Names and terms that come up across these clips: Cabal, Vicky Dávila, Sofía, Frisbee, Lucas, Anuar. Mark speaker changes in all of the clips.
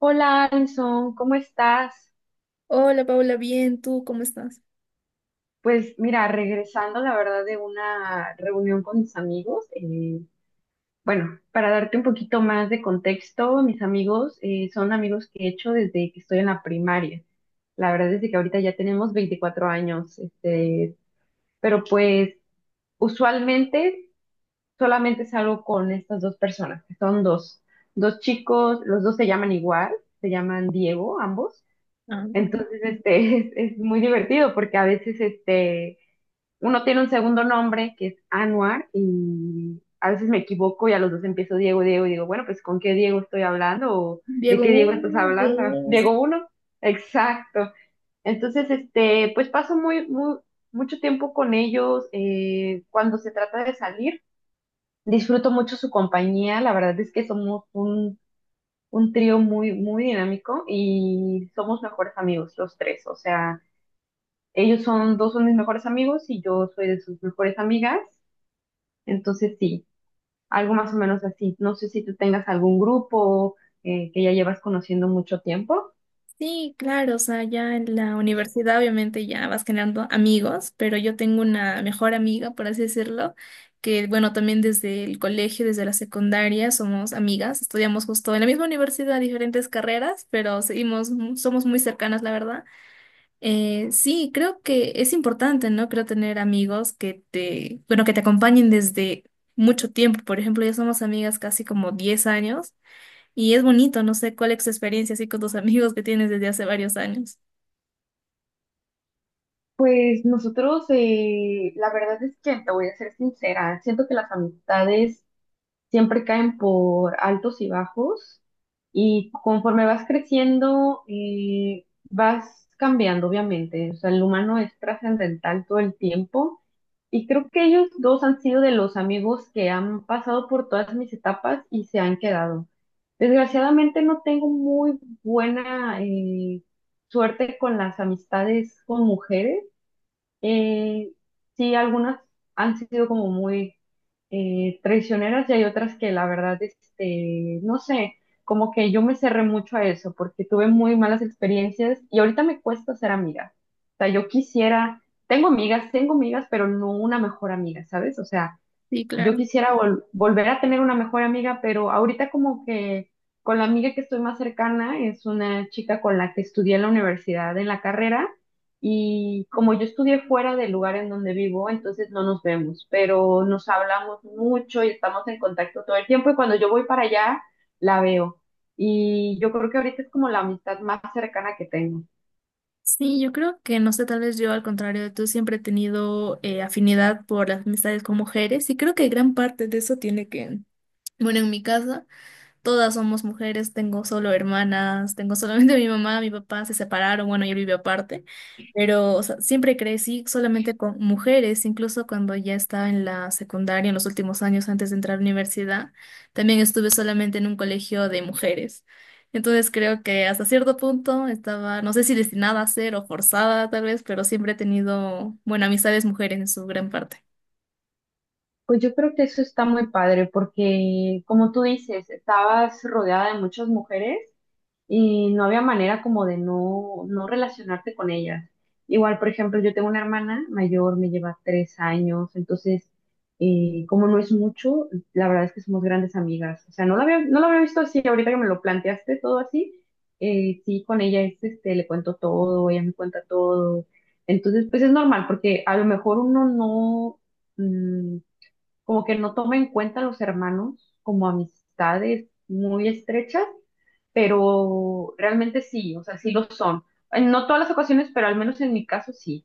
Speaker 1: Hola, Alison, ¿cómo estás?
Speaker 2: Hola Paula, bien, ¿tú cómo estás?
Speaker 1: Pues mira, regresando la verdad de una reunión con mis amigos, bueno, para darte un poquito más de contexto, mis amigos son amigos que he hecho desde que estoy en la primaria. La verdad es de que ahorita ya tenemos 24 años, pero pues usualmente solamente salgo con estas dos personas, que son dos chicos, los dos se llaman igual, se llaman Diego, ambos.
Speaker 2: Ah,
Speaker 1: Entonces, es muy divertido porque a veces, uno tiene un segundo nombre que es Anuar y a veces me equivoco y a los dos empiezo Diego y digo, bueno, pues ¿con qué Diego estoy hablando? ¿O de
Speaker 2: Diego,
Speaker 1: qué Diego estás
Speaker 2: uno,
Speaker 1: hablando?
Speaker 2: dos.
Speaker 1: ¿Diego uno? Exacto. Entonces, pues paso mucho tiempo con ellos. Cuando se trata de salir, disfruto mucho su compañía. La verdad es que somos un trío muy dinámico y somos mejores amigos los tres. O sea, dos son mis mejores amigos y yo soy de sus mejores amigas. Entonces, sí, algo más o menos así. No sé si tú tengas algún grupo que ya llevas conociendo mucho tiempo.
Speaker 2: Sí, claro, o sea, ya en la universidad obviamente ya vas generando amigos, pero yo tengo una mejor amiga, por así decirlo, que bueno, también desde el colegio, desde la secundaria somos amigas, estudiamos justo en la misma universidad, diferentes carreras, pero seguimos, somos muy cercanas, la verdad. Sí, creo que es importante, ¿no? Creo tener amigos que te, bueno, que te acompañen desde mucho tiempo. Por ejemplo, ya somos amigas casi como 10 años y es bonito, no sé cuál es tu experiencia así con tus amigos que tienes desde hace varios años.
Speaker 1: Pues nosotros, la verdad es que te voy a ser sincera, siento que las amistades siempre caen por altos y bajos y conforme vas creciendo, vas cambiando, obviamente. O sea, el humano es trascendental todo el tiempo y creo que ellos dos han sido de los amigos que han pasado por todas mis etapas y se han quedado. Desgraciadamente no tengo muy buena suerte con las amistades con mujeres. Eh, sí, algunas han sido como muy traicioneras y hay otras que la verdad, no sé, como que yo me cerré mucho a eso porque tuve muy malas experiencias y ahorita me cuesta ser amiga. O sea, yo quisiera, tengo amigas, pero no una mejor amiga, ¿sabes? O sea,
Speaker 2: Sí,
Speaker 1: yo
Speaker 2: claro.
Speaker 1: quisiera volver a tener una mejor amiga, pero ahorita como que con la amiga que estoy más cercana es una chica con la que estudié en la universidad, en la carrera, y como yo estudié fuera del lugar en donde vivo, entonces no nos vemos, pero nos hablamos mucho y estamos en contacto todo el tiempo y cuando yo voy para allá, la veo. Y yo creo que ahorita es como la amistad más cercana que tengo.
Speaker 2: Sí, yo creo que, no sé, tal vez yo, al contrario de tú, siempre he tenido afinidad por las amistades con mujeres y creo que gran parte de eso tiene que, bueno, en mi casa. Todas somos mujeres, tengo solo hermanas, tengo solamente mi mamá, mi papá se separaron, bueno, yo vivo aparte, pero o sea, siempre crecí solamente con mujeres, incluso cuando ya estaba en la secundaria, en los últimos años antes de entrar a la universidad, también estuve solamente en un colegio de mujeres. Entonces creo que hasta cierto punto estaba, no sé si destinada a ser o forzada tal vez, pero siempre he tenido, bueno, amistades mujeres en su gran parte.
Speaker 1: Pues yo creo que eso está muy padre porque, como tú dices, estabas rodeada de muchas mujeres y no había manera como de no relacionarte con ellas. Igual, por ejemplo, yo tengo una hermana mayor, me lleva tres años, entonces, como no es mucho, la verdad es que somos grandes amigas. O sea, no lo había visto así, ahorita que me lo planteaste todo así, sí, con ella le cuento todo, ella me cuenta todo. Entonces, pues es normal, porque a lo mejor uno no, mm, como que no toma en cuenta a los hermanos como amistades muy estrechas, pero realmente sí, o sea, sí lo son. En no todas las ocasiones, pero al menos en mi caso sí.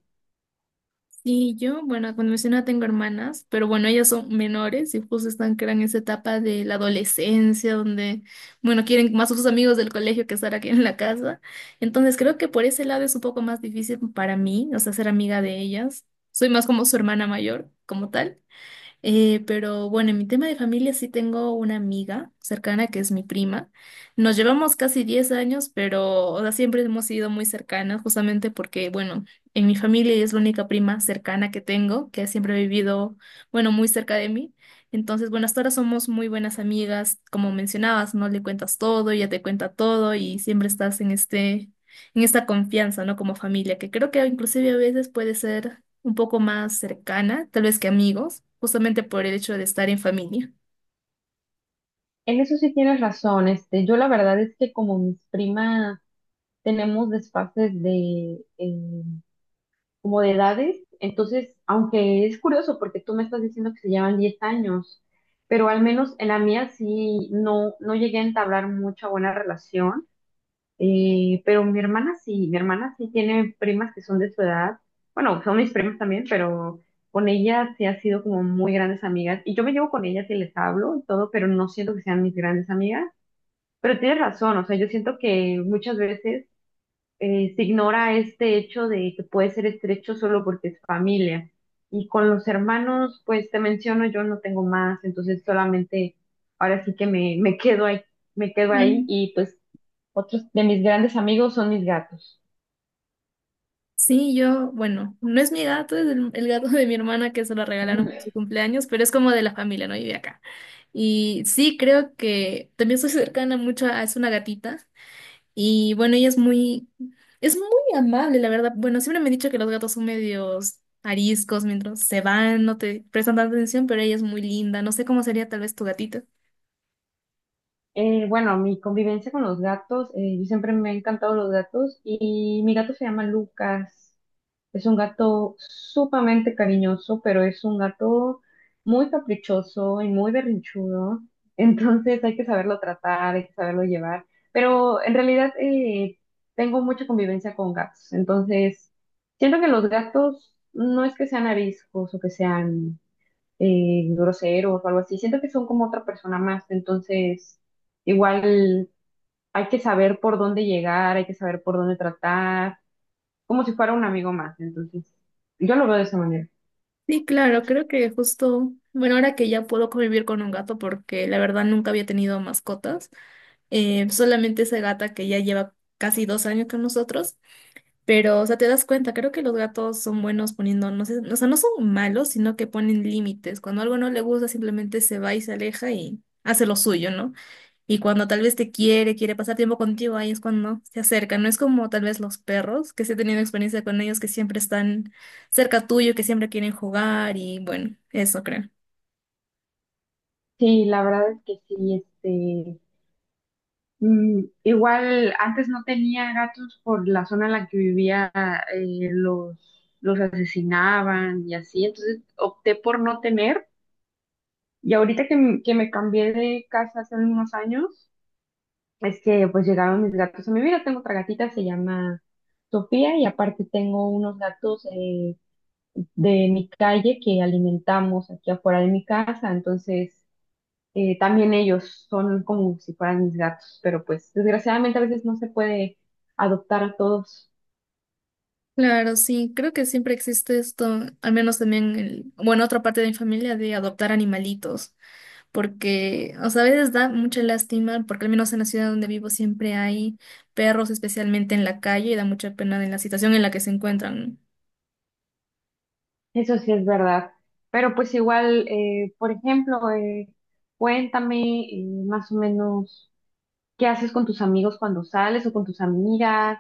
Speaker 2: Sí, yo, bueno, cuando mencioné tengo hermanas, pero bueno, ellas son menores y justo están que eran en esa etapa de la adolescencia, donde, bueno, quieren más a sus amigos del colegio que estar aquí en la casa. Entonces creo que por ese lado es un poco más difícil para mí, o sea, ser amiga de ellas. Soy más como su hermana mayor, como tal. Pero bueno, en mi tema de familia sí tengo una amiga cercana que es mi prima. Nos llevamos casi 10 años, pero o sea, siempre hemos sido muy cercanas, justamente porque, bueno, en mi familia ella es la única prima cercana que tengo, que siempre ha vivido, bueno, muy cerca de mí. Entonces, bueno, hasta ahora somos muy buenas amigas, como mencionabas, no le cuentas todo, ella te cuenta todo y siempre estás en este, en esta confianza, ¿no? Como familia, que creo que inclusive a veces puede ser un poco más cercana, tal vez que amigos, justamente por el hecho de estar en familia.
Speaker 1: En eso sí tienes razón, yo la verdad es que como mis primas tenemos desfases como de edades, entonces, aunque es curioso porque tú me estás diciendo que se llevan 10 años, pero al menos en la mía no llegué a entablar mucha buena relación. Pero mi hermana sí tiene primas que son de su edad. Bueno, son mis primas también, pero con ellas sí ha sido como muy grandes amigas. Y yo me llevo con ellas y les hablo y todo, pero no siento que sean mis grandes amigas. Pero tienes razón, o sea, yo siento que muchas veces se ignora este hecho de que puede ser estrecho solo porque es familia. Y con los hermanos, pues te menciono, yo no tengo más, entonces solamente ahora sí que me quedo ahí, me quedo ahí,
Speaker 2: Mm.
Speaker 1: y pues otros de mis grandes amigos son mis gatos.
Speaker 2: Sí, yo, bueno, no es mi gato, es el gato de mi hermana que se lo regalaron por
Speaker 1: Ujú.
Speaker 2: su cumpleaños, pero es como de la familia, ¿no? Vive acá. Y sí, creo que también soy cercana mucho a, es una gatita y bueno, ella es muy amable, la verdad. Bueno, siempre me he dicho que los gatos son medios ariscos mientras se van, no te prestan tanta atención, pero ella es muy linda. No sé cómo sería tal vez tu gatita.
Speaker 1: Bueno, mi convivencia con los gatos, yo siempre me han encantado los gatos y mi gato se llama Lucas. Es un gato sumamente cariñoso, pero es un gato muy caprichoso y muy berrinchudo. Entonces hay que saberlo tratar, hay que saberlo llevar. Pero en realidad tengo mucha convivencia con gatos. Entonces siento que los gatos no es que sean ariscos o que sean groseros o algo así. Siento que son como otra persona más, entonces igual hay que saber por dónde llegar, hay que saber por dónde tratar, como si fuera un amigo más, entonces yo lo veo de esa manera.
Speaker 2: Sí, claro, creo que justo, bueno, ahora que ya puedo convivir con un gato, porque la verdad nunca había tenido mascotas, solamente esa gata que ya lleva casi 2 años con nosotros, pero, o sea, te das cuenta, creo que los gatos son buenos poniendo, no sé, o sea, no son malos, sino que ponen límites. Cuando algo no le gusta, simplemente se va y se aleja y hace lo suyo, ¿no? Y cuando tal vez te quiere, quiere pasar tiempo contigo, ahí es cuando se acerca. No es como tal vez los perros, que sí he tenido experiencia con ellos, que siempre están cerca tuyo, que siempre quieren jugar y bueno, eso creo.
Speaker 1: Sí, la verdad es que sí, igual antes no tenía gatos por la zona en la que vivía, eh, los, los asesinaban y así, entonces opté por no tener. Y ahorita que, que me cambié de casa hace unos años, es que pues llegaron mis gatos a mi vida. Tengo otra gatita, se llama Sofía, y aparte tengo unos gatos de mi calle que alimentamos aquí afuera de mi casa. Entonces, también ellos son como si fueran mis gatos, pero pues desgraciadamente a veces no se puede adoptar a todos.
Speaker 2: Claro, sí, creo que siempre existe esto, al menos también, bueno, otra parte de mi familia de adoptar animalitos, porque, o sea, a veces da mucha lástima, porque al menos en la ciudad donde vivo siempre hay perros, especialmente en la calle, y da mucha pena en la situación en la que se encuentran, ¿no?
Speaker 1: Eso sí es verdad. Pero pues igual, por ejemplo, cuéntame más o menos qué haces con tus amigos cuando sales o con tus amigas.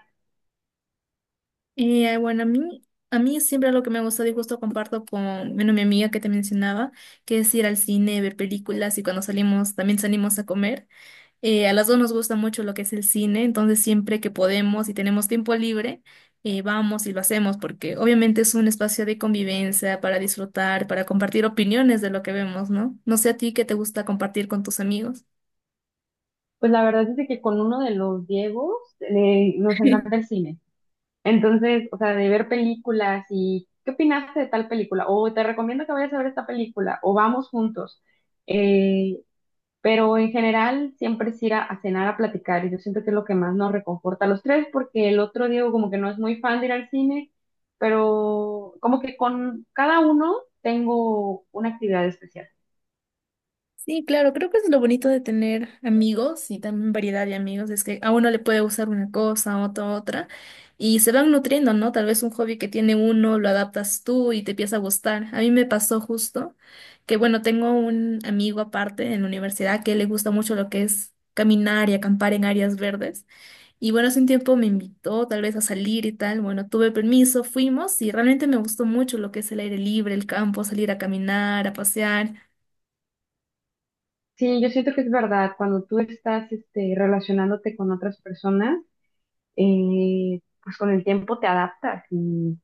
Speaker 2: Bueno, a mí siempre lo que me gusta y justo comparto con, bueno, mi amiga que te mencionaba, que es ir al cine, ver películas y cuando salimos también salimos a comer. A las dos nos gusta mucho lo que es el cine, entonces siempre que podemos y tenemos tiempo libre, vamos y lo hacemos porque obviamente es un espacio de convivencia para disfrutar, para compartir opiniones de lo que vemos, ¿no? No sé a ti qué te gusta compartir con tus amigos.
Speaker 1: Pues la verdad es de que con uno de los Diegos nos encanta el cine. Entonces, o sea, de ver películas y ¿qué opinaste de tal película? O te recomiendo que vayas a ver esta película, o vamos juntos. Eh, pero en general siempre es ir a cenar a platicar y yo siento que es lo que más nos reconforta a los tres porque el otro Diego como que no es muy fan de ir al cine, pero como que con cada uno tengo una actividad especial.
Speaker 2: Sí, claro, creo que eso es lo bonito de tener amigos y también variedad de amigos, es que a uno le puede gustar una cosa, a otro otra, y se van nutriendo, ¿no? Tal vez un hobby que tiene uno lo adaptas tú y te empieza a gustar. A mí me pasó justo que, bueno, tengo un amigo aparte en la universidad que le gusta mucho lo que es caminar y acampar en áreas verdes, y bueno, hace un tiempo me invitó tal vez a salir y tal, bueno, tuve permiso, fuimos y realmente me gustó mucho lo que es el aire libre, el campo, salir a caminar, a pasear.
Speaker 1: Sí, yo siento que es verdad, cuando tú estás relacionándote con otras personas, pues con el tiempo te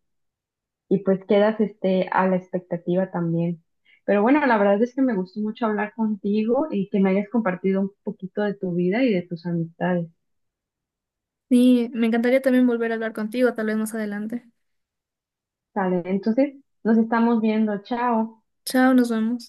Speaker 1: y pues quedas a la expectativa también. Pero bueno, la verdad es que me gustó mucho hablar contigo y que me hayas compartido un poquito de tu vida y de tus amistades.
Speaker 2: Sí, me encantaría también volver a hablar contigo, tal vez más adelante.
Speaker 1: Sale, entonces nos estamos viendo. Chao.
Speaker 2: Chao, nos vemos.